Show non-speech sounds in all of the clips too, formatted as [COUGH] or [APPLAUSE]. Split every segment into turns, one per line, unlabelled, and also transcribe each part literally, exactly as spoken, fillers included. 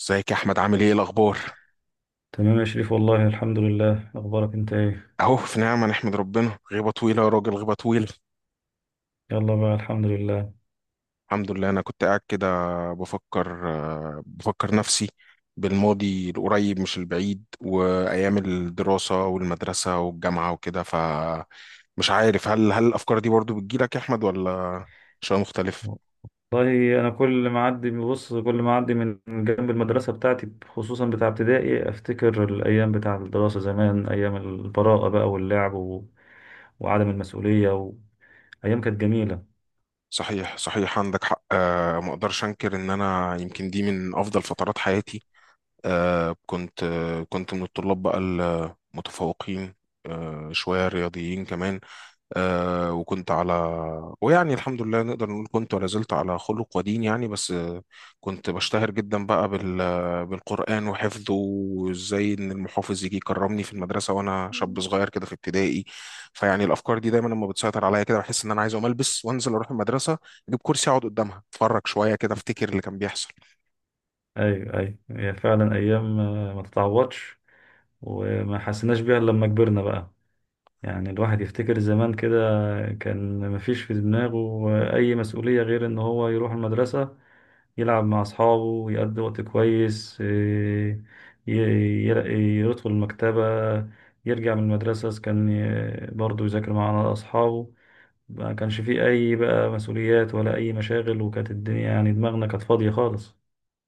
ازيك يا احمد، عامل ايه الاخبار؟
تمام يا شريف، والله الحمد لله. اخبارك انت ايه؟
اهو في نعمه، نحمد ربنا. غيبه طويله يا راجل، غيبه طويله.
يلا بقى، الحمد لله.
الحمد لله، انا كنت قاعد كده بفكر آه، بفكر نفسي بالماضي القريب مش البعيد، وايام الدراسه والمدرسه والجامعه وكده. ف مش عارف، هل هل الافكار دي برضو بتجيلك يا احمد، ولا شيء مختلف؟
والله انا كل ما اعدي، بص كل ما اعدي من جنب المدرسه بتاعتي، خصوصا بتاع ابتدائي، افتكر الايام بتاع الدراسه زمان، ايام البراءه بقى واللعب و... وعدم المسؤوليه و... ايام كانت جميله.
صحيح صحيح، عندك حق. آه، ما اقدرش انكر ان انا يمكن دي من افضل فترات حياتي. آه كنت آه كنت من الطلاب بقى المتفوقين. آه شوية رياضيين كمان. آه وكنت على، ويعني الحمد لله نقدر نقول كنت ولا زلت على خلق ودين يعني. بس آه كنت بشتهر جدا بقى بال بالقرآن وحفظه، وازاي ان المحافظ يجي يكرمني في المدرسة وانا شاب صغير كده في ابتدائي. فيعني الافكار دي دايما لما بتسيطر عليا كده، بحس ان انا عايز اقوم البس وانزل اروح المدرسة، اجيب كرسي اقعد قدامها، اتفرج شوية كده، افتكر اللي كان بيحصل.
ايوه، ايوه، هي فعلا ايام آه، ما تتعوضش. وما حسيناش بيها إلا لما كبرنا بقى. يعني الواحد يفتكر زمان كده، كان مفيش في دماغه أي مسؤولية غير إن هو يروح المدرسة، يلعب مع أصحابه، يقضي وقت كويس، إيه، ي- ي- يدخل المكتبة، يرجع من المدرسة، إذا كان ي- برضه يذاكر مع أصحابه. ما كانش فيه أي بقى مسؤوليات ولا أي مشاغل، وكانت الدنيا، يعني دماغنا كانت فاضية خالص.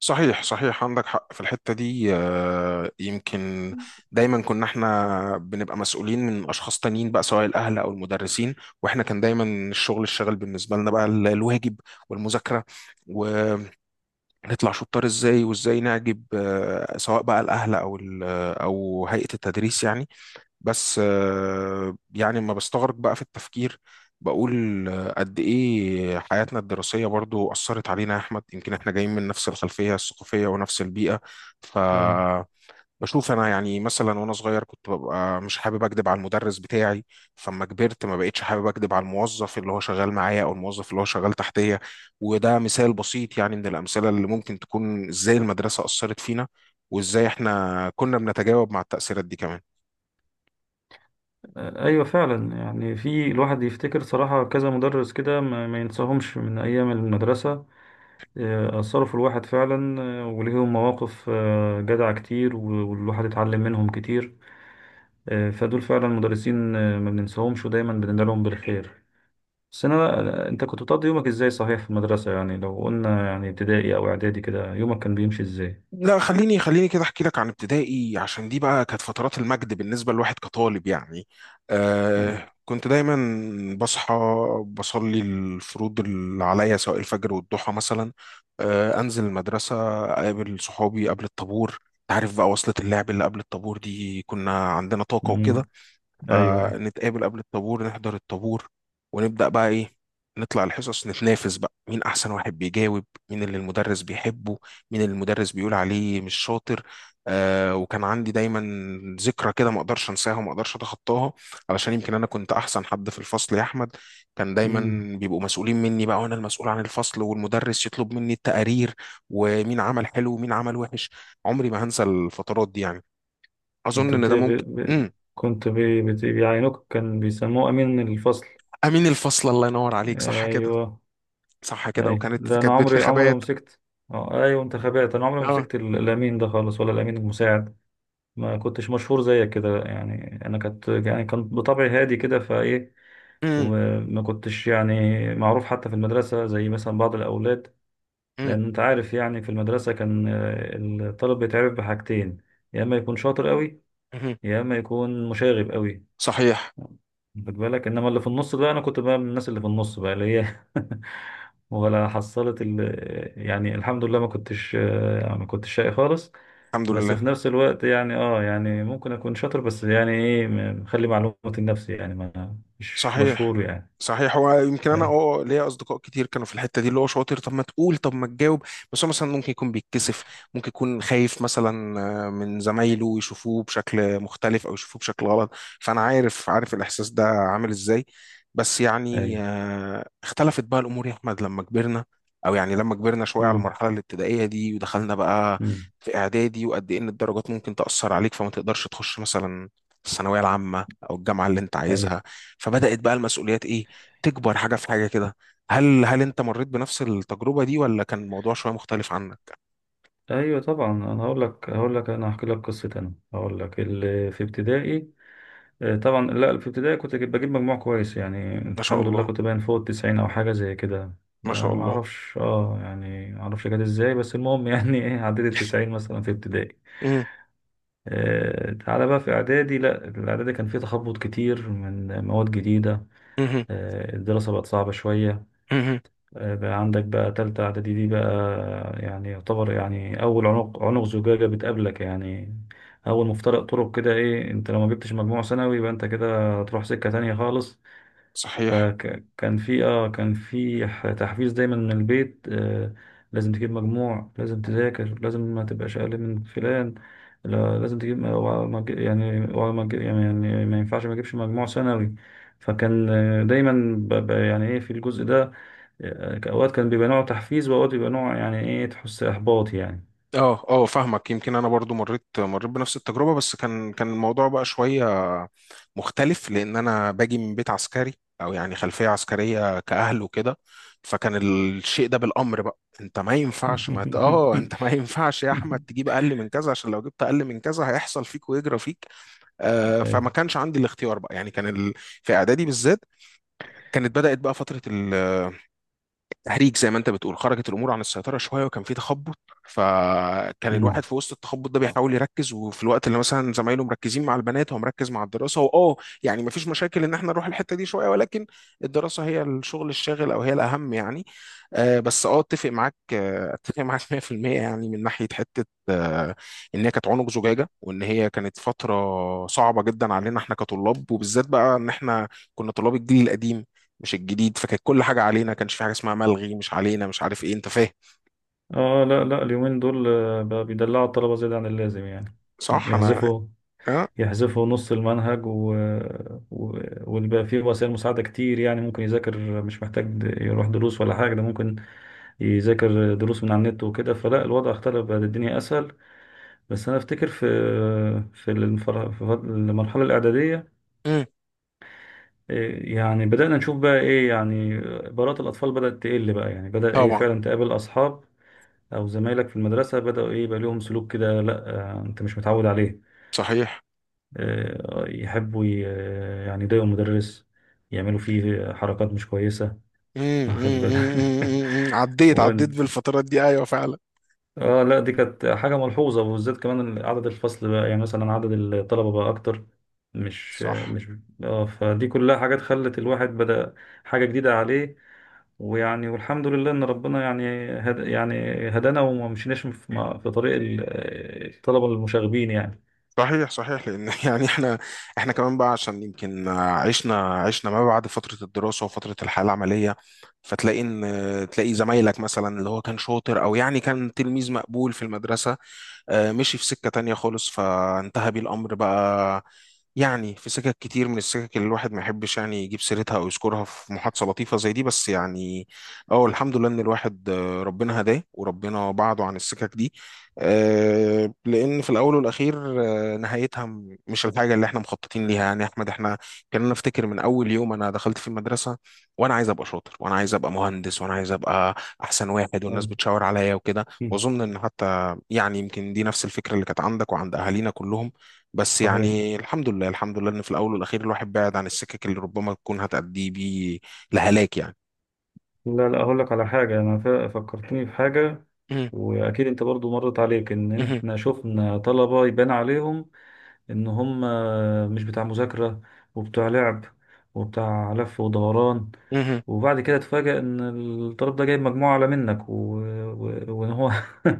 صحيح صحيح، عندك حق في الحتة دي. آه، يمكن دايما كنا احنا بنبقى مسؤولين من أشخاص تانيين بقى، سواء الأهل أو المدرسين. واحنا كان دايما الشغل الشغل بالنسبة لنا بقى ال- الواجب والمذاكرة، ونطلع شطار ازاي، وازاي نعجب، آه، سواء بقى الأهل أو ال- أو هيئة التدريس يعني. بس آه، يعني ما بستغرق بقى في التفكير، بقول آه، قد ايه حياتنا الدراسية برضو أثرت علينا يا أحمد. يمكن احنا جايين من نفس الخلفية الثقافية ونفس البيئة. ف
ايوه،
بشوف انا يعني، مثلا وانا صغير كنت ببقى مش حابب اكدب على المدرس بتاعي، فما كبرت ما بقتش حابب اكدب على الموظف اللي هو شغال معايا او الموظف اللي هو شغال تحتيه. وده مثال بسيط يعني من الامثله اللي ممكن تكون ازاي المدرسه اثرت فينا، وازاي احنا كنا بنتجاوب مع التاثيرات دي كمان.
ايوه فعلا. يعني في الواحد يفتكر صراحه كذا مدرس كده ما, ما ينساهمش من ايام المدرسه. آه، أثروا في الواحد فعلا، آه، وليهم مواقف آه، جدعة كتير، و- والواحد اتعلم منهم كتير. آه، فدول فعلا مدرسين، آه، ما بننساهمش ودايما بندعي لهم بالخير. بس أنا أنت كنت بتقضي يومك إزاي صحيح في المدرسة؟ يعني لو قلنا يعني ابتدائي أو إعدادي كده، يومك كان بيمشي إزاي؟
لا، خليني خليني كده احكي لك عن ابتدائي، عشان دي بقى كانت فترات المجد بالنسبه لواحد كطالب يعني.
أيوة.
آه كنت دايما بصحى، بصلي الفروض اللي عليا سواء الفجر والضحى مثلا. آه انزل المدرسه، اقابل صحابي قبل الطابور. تعرف بقى وصلة اللعب اللي قبل الطابور دي، كنا عندنا طاقه
مم.
وكده.
أيوه، أيوه.
فنتقابل قبل الطابور، نحضر الطابور، ونبدأ بقى إيه، نطلع الحصص، نتنافس بقى مين أحسن واحد بيجاوب، مين اللي المدرس بيحبه، مين اللي المدرس بيقول عليه مش شاطر. آه وكان عندي دايما ذكرى كده ما أقدرش أنساها، وما أقدرش أتخطاها. علشان يمكن أنا كنت أحسن حد في الفصل يا أحمد. كان دايما
مم.
بيبقوا مسؤولين مني بقى، وأنا المسؤول عن الفصل، والمدرس يطلب مني التقارير ومين عمل حلو ومين عمل وحش. عمري ما هنسى الفترات دي يعني. أظن
كنت
إن
بت...
ده
ب...
ممكن.
ب...
مم.
كنت بي... بت... بيعينوك، كان بيسموه أمين الفصل.
امين الفصل، الله ينور عليك، صح كده.
أيوه.
صح كده.
اي،
وكانت
لا، انا
كانت بنت
عمري عمري ما
خبات.
مسكت. اه، ايوه، انتخابات. انا عمري ما
اه.
مسكت ال- الامين ده خالص ولا الامين المساعد. ما كنتش مشهور زيك كده، يعني انا كنت، يعني كان بطبعي هادي كده فايه.
امم.
وما كنتش يعني معروف حتى في المدرسه، زي مثلا بعض الاولاد.
امم.
لان انت عارف، يعني في المدرسه كان، آه، الطالب بيتعرف بحاجتين: يا اما يكون شاطر قوي،
أمم.
يا اما يكون مشاغب قوي.
صحيح.
خد بالك، انما اللي في النص ده انا كنت بقى من الناس اللي في النص بقى، اللي هي [LAUGHS] ولا حصلت ال... يعني الحمد لله ما كنتش، آه، ما كنتش شقي خالص.
الحمد
بس
لله.
في نفس الوقت، يعني اه يعني ممكن اكون شاطر، بس يعني ايه، م- مخلي معلوماتي لنفسي، يعني ما مش
صحيح
مشهور يعني.
صحيح، هو يمكن انا
اي،
اه آه، ليا اصدقاء كتير كانوا في الحته دي، اللي هو شاطر، طب ما تقول، طب ما تجاوب. بس هو مثلا ممكن يكون بيتكسف، ممكن يكون خايف مثلا آه، من زمايله يشوفوه بشكل مختلف او يشوفوه بشكل غلط. فانا عارف عارف الاحساس ده عامل ازاي. بس
اي،
يعني آه، اختلفت بقى الامور يا احمد لما كبرنا. او يعني لما كبرنا شويه على
امم،
المرحله الابتدائيه دي، ودخلنا بقى
امم،
في اعدادي، وقد ايه ان الدرجات ممكن تاثر عليك فما تقدرش تخش مثلا الثانويه العامه او الجامعه اللي انت
اي،
عايزها. فبدأت بقى المسؤوليات ايه، تكبر حاجة في حاجة كده. هل هل انت مريت بنفس التجربة دي، ولا كان الموضوع شوية مختلف عنك؟
ايوه. طبعا، انا هقول لك هقول لك انا هحكي لك قصه. انا هقول لك اللي في ابتدائي. آه، طبعا، لا، في ابتدائي كنت جيب- بجيب مجموع كويس، يعني
ما شاء
الحمد لله
الله.
كنت باين فوق التسعين او حاجه زي كده.
ما شاء
آه، ما
الله.
اعرفش، اه يعني ما اعرفش جت ازاي، بس المهم يعني [LAUGHS] ايه، عديت التسعين مثلا في ابتدائي.
امم.
آه، تعالى بقى في اعدادي، لا الاعدادي كان فيه تخبط كتير من مواد جديده.
امم.
آه، الدراسه بقت صعبه شويه.
امم.
آه، بقى عندك بقى تالتة اعدادي دي بقى، يعني يعتبر يعني اول عنق عنق زجاجه بتقابلك، يعني اول مفترق طرق. كده ايه، انت لو ما جبتش مجموع ثانوي يبقى انت كده هتروح سكه تانية خالص.
صحيح.
فكان في، اه كان في، ح- تحفيز دايما من البيت. آه لازم تجيب مجموع، لازم تذاكر، لازم ما تبقاش اقل من فلان. لا، لازم تجيب، أوعى ما تجي- يعني أوعى ما تجي- يعني يعني ما ينفعش ما اجيبش مجموع ثانوي. فكان، آه، دايما ب- ب- يعني ايه في الجزء ده، آه، اوقات كان بيبقى نوع تحفيز، واوقات بيبقى نوع يعني ايه، تحس احباط يعني.
اه اه فاهمك. يمكن انا برضو مريت مريت بنفس التجربه، بس كان كان الموضوع بقى شويه مختلف، لان انا باجي من بيت عسكري، او يعني خلفيه عسكريه كاهل وكده. فكان الشيء ده بالامر بقى، انت ما ينفعش ما ت- اه انت ما
[LAUGHS]
ينفعش يا احمد تجيب اقل من كذا، عشان لو جبت اقل من كذا هيحصل فيك ويجرى فيك. آه
أيوة.
فما كانش عندي الاختيار بقى يعني، كان ال... في اعدادي بالذات كانت بدات بقى فتره تهريج زي ما انت بتقول. خرجت الامور عن السيطره شويه، وكان في تخبط. فكان الواحد
مم.
في وسط التخبط ده بيحاول يركز، وفي الوقت اللي مثلا زمايله مركزين مع البنات، هو مركز مع الدراسه واه يعني مفيش مشاكل ان احنا نروح الحته دي شويه، ولكن الدراسه هي الشغل الشاغل او هي الاهم يعني. آه بس اه اتفق معاك، آه اتفق معاك [LAUGHS] مائة في المئة يعني، من ناحيه حته آه ان هي كانت عنق زجاجه، وان هي كانت فتره صعبه جدا علينا احنا كطلاب، وبالذات بقى ان احنا كنا طلاب الجيل القديم مش الجديد. فكانت كل حاجه علينا، كانش في حاجه اسمها ملغي مش علينا مش عارف ايه، انت فاهم.
اه لا، لا، اليومين دول آه، بقى بيدلعوا الطلبة زيادة عن اللازم يعني.
صح. انا
يحذفوا
اه.
يحذفوا نص المنهج و... و... ويبقى فيه وسائل مساعدة كتير، يعني ممكن يذاكر، مش محتاج د- يروح دروس ولا حاجة، ده ممكن يذاكر دروس من على النت وكده. فلا الوضع اختلف، بقت الدنيا أسهل. بس أنا أفتكر في، في المفر... في فض- المرحلة الإعدادية،
مم.
إيه، يعني بدأنا نشوف بقى إيه، يعني برات الأطفال بدأت تقل بقى. يعني بدأ إيه،
طبعا.
فعلا تقابل أصحاب أو زمايلك في المدرسة بدأوا إيه، يبقى لهم سلوك كده لا، آه، أنت مش متعود عليه.
صحيح.
آه، يحبوا ي- آه، يعني يضايقوا المدرس، يعملوا فيه حركات مش كويسة،
مم. مم.
واخد
مم.
بالك؟
مم. مم. مم.
[LAUGHS]
عديت عديت
وانت،
بالفترات دي ايوه فعلا.
اه لا، دي كانت حاجة ملحوظة. وبالذات كمان عدد الفصل بقى، يعني مثلا عدد الطلبة بقى أكتر، مش
صح.
مش، اه فدي كلها حاجات خلت الواحد بدأ حاجة جديدة عليه. ويعني، والحمد لله إن ربنا يعني، هد يعني هدانا، وما مشيناش في في طريق ال- آه، الطلبة المشاغبين يعني.
صحيح صحيح لان [LAUGHS] يعني احنا احنا كمان بقى عشان يمكن عشنا عشنا ما بعد فتره الدراسه وفتره الحياه العمليه. فتلاقي ان تلاقي زمايلك مثلا، اللي هو كان شاطر او يعني كان تلميذ مقبول في المدرسه، آه، مشي في سكه تانية خالص، فانتهى بيه الامر بقى. يعني في سكك كتير من السكك اللي الواحد ما يحبش يعني يجيب سيرتها او يذكرها في محادثه لطيفه زي دي. بس يعني اه الحمد لله ان الواحد، آه، ربنا هداه وربنا بعده عن السكك دي. آه، لان في الاول والاخير، آه، نهايتها م- مش الحاجه اللي احنا مخططين ليها يعني. يا احمد احنا، كان، انا افتكر من اول يوم انا دخلت في المدرسه وانا عايز ابقى شاطر، وانا عايز ابقى مهندس، وانا عايز ابقى احسن واحد، والناس
أيوة.
بتشاور عليا وكده. واظن ان حتى يعني يمكن دي نفس الفكره اللي كانت عندك وعند اهالينا كلهم. بس
صحيح.
يعني الحمد لله، الحمد لله ان في الاول والاخير الواحد بعد عن السكك اللي ربما تكون هتأدي بيه لهلاك يعني.
لا، لا، هقول لك على حاجة، أنا ف- فكرتني في حاجة.
مهم.
وأكيد أنت برضو مرت عليك إن
مهم.
إحنا شفنا طلبة يبان عليهم إن هم مش بتاع مذاكرة، وبتاع لعب، وبتاع لف ودوران.
مهم.
وبعد كده تفاجأ إن الطالب ده جايب مجموعة أعلى منك، و... و... وإن هو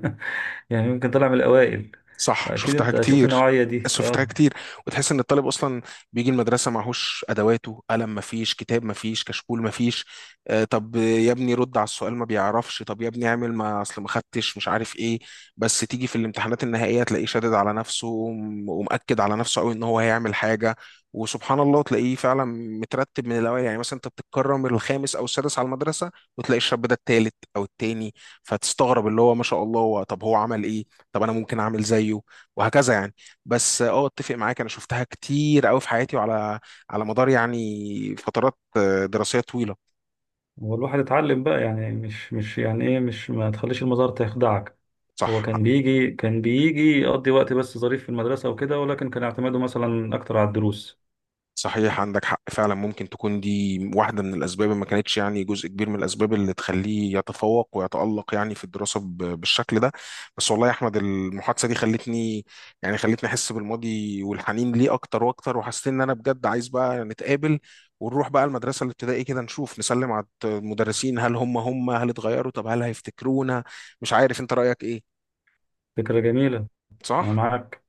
[LAUGHS] يعني يمكن طلع من الأوائل.
صح،
أكيد
شفتها
أنت شفت
كتير.
النوعية دي،
شفتها
أه.
كتير، وتحس ان الطالب اصلا بيجي المدرسه معهوش ادواته، قلم مفيش، كتاب مفيش، كشكول مفيش. آه طب يا ابني رد على السؤال، ما بيعرفش، طب يا ابني اعمل، ما اصل ما خدتش مش عارف ايه. بس تيجي في الامتحانات النهائيه تلاقيه شادد على نفسه، وم- ومأكد على نفسه قوي ان هو هيعمل حاجه. وسبحان الله تلاقيه فعلا مترتب من الاول، يعني مثلا انت بتتكرم الخامس او السادس على المدرسه، وتلاقي الشاب ده التالت او التاني. فتستغرب، اللي هو ما شاء الله، هو طب هو عمل ايه؟ طب انا ممكن اعمل زيه؟ وهكذا يعني. بس اه اتفق معاك، انا شفتها كتير قوي في حياتي، وعلى على مدار يعني فترات آه، دراسية طويلة.
هو الواحد اتعلم بقى، يعني مش مش يعني ايه، مش ما تخليش المزار تخدعك. هو
صح.
كان بيجي، كان بيجي يقضي وقت بس ظريف في المدرسة وكده، ولكن كان اعتماده مثلا أكتر على الدروس.
صحيح، عندك حق فعلا، ممكن تكون دي واحدة من الأسباب، ما كانتش يعني، جزء كبير من الأسباب اللي تخليه يتفوق ويتألق يعني في الدراسة ب- بالشكل ده. بس والله يا أحمد، المحادثة دي خلتني، يعني خلتني أحس بالماضي والحنين ليه أكتر وأكتر، وحسيت إن أنا بجد عايز بقى نتقابل، ونروح بقى المدرسة الابتدائي كده، نشوف، نسلم على المدرسين. هل هم هم هل اتغيروا؟ طب هل هيفتكرونا؟ مش عارف أنت رأيك إيه.
فكرة جميلة. أنا
صح؟
معاك.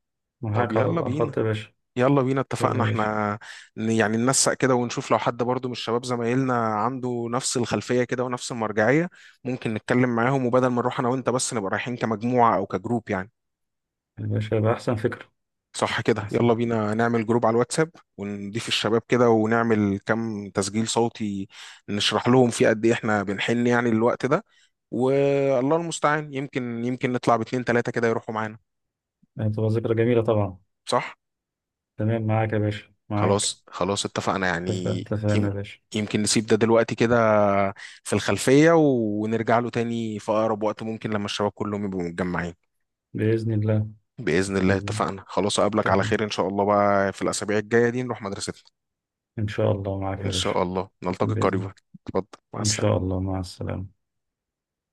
طب
معاك على
يلا
على
بينا.
الخط يا باشا.
يلا بينا،
يلا
اتفقنا
يا باشا.
احنا، ن- يعني ننسق كده ونشوف لو حد برضو من الشباب زمايلنا عنده نفس الخلفية كده ونفس المرجعية. ممكن نتكلم معاهم، وبدل ما نروح انا وانت بس، نبقى رايحين كمجموعة او كجروب يعني.
يا باشا يبقى أحسن فكرة.
صح كده، يلا
أحسن.
بينا نعمل جروب على الواتساب، ونضيف الشباب كده، ونعمل كم تسجيل صوتي، نشرح لهم فيه قد ايه احنا بنحن يعني الوقت ده. والله المستعان، يمكن يمكن نطلع باتنين تلاتة كده يروحوا معانا.
يعني تبقى ذكرى جميلة طبعا.
صح.
تمام، معاك يا باشا، معاك.
خلاص خلاص، اتفقنا
اتفق-
يعني.
اتفقنا
يم-
يا باشا.
يمكن نسيب ده دلوقتي كده في الخلفية، ونرجع له تاني في أقرب وقت ممكن لما الشباب كلهم يبقوا متجمعين.
بإذن الله.
بإذن الله.
بإذن الله،
اتفقنا خلاص، أقابلك على
اتفقنا.
خير إن شاء الله بقى، في الأسابيع الجاية دي نروح مدرستنا.
إن شاء الله معاك
إن
يا باشا.
شاء الله نلتقي
بإذن.
قريبا. اتفضل. مع
إن شاء
السلامة.
الله، مع السلامة.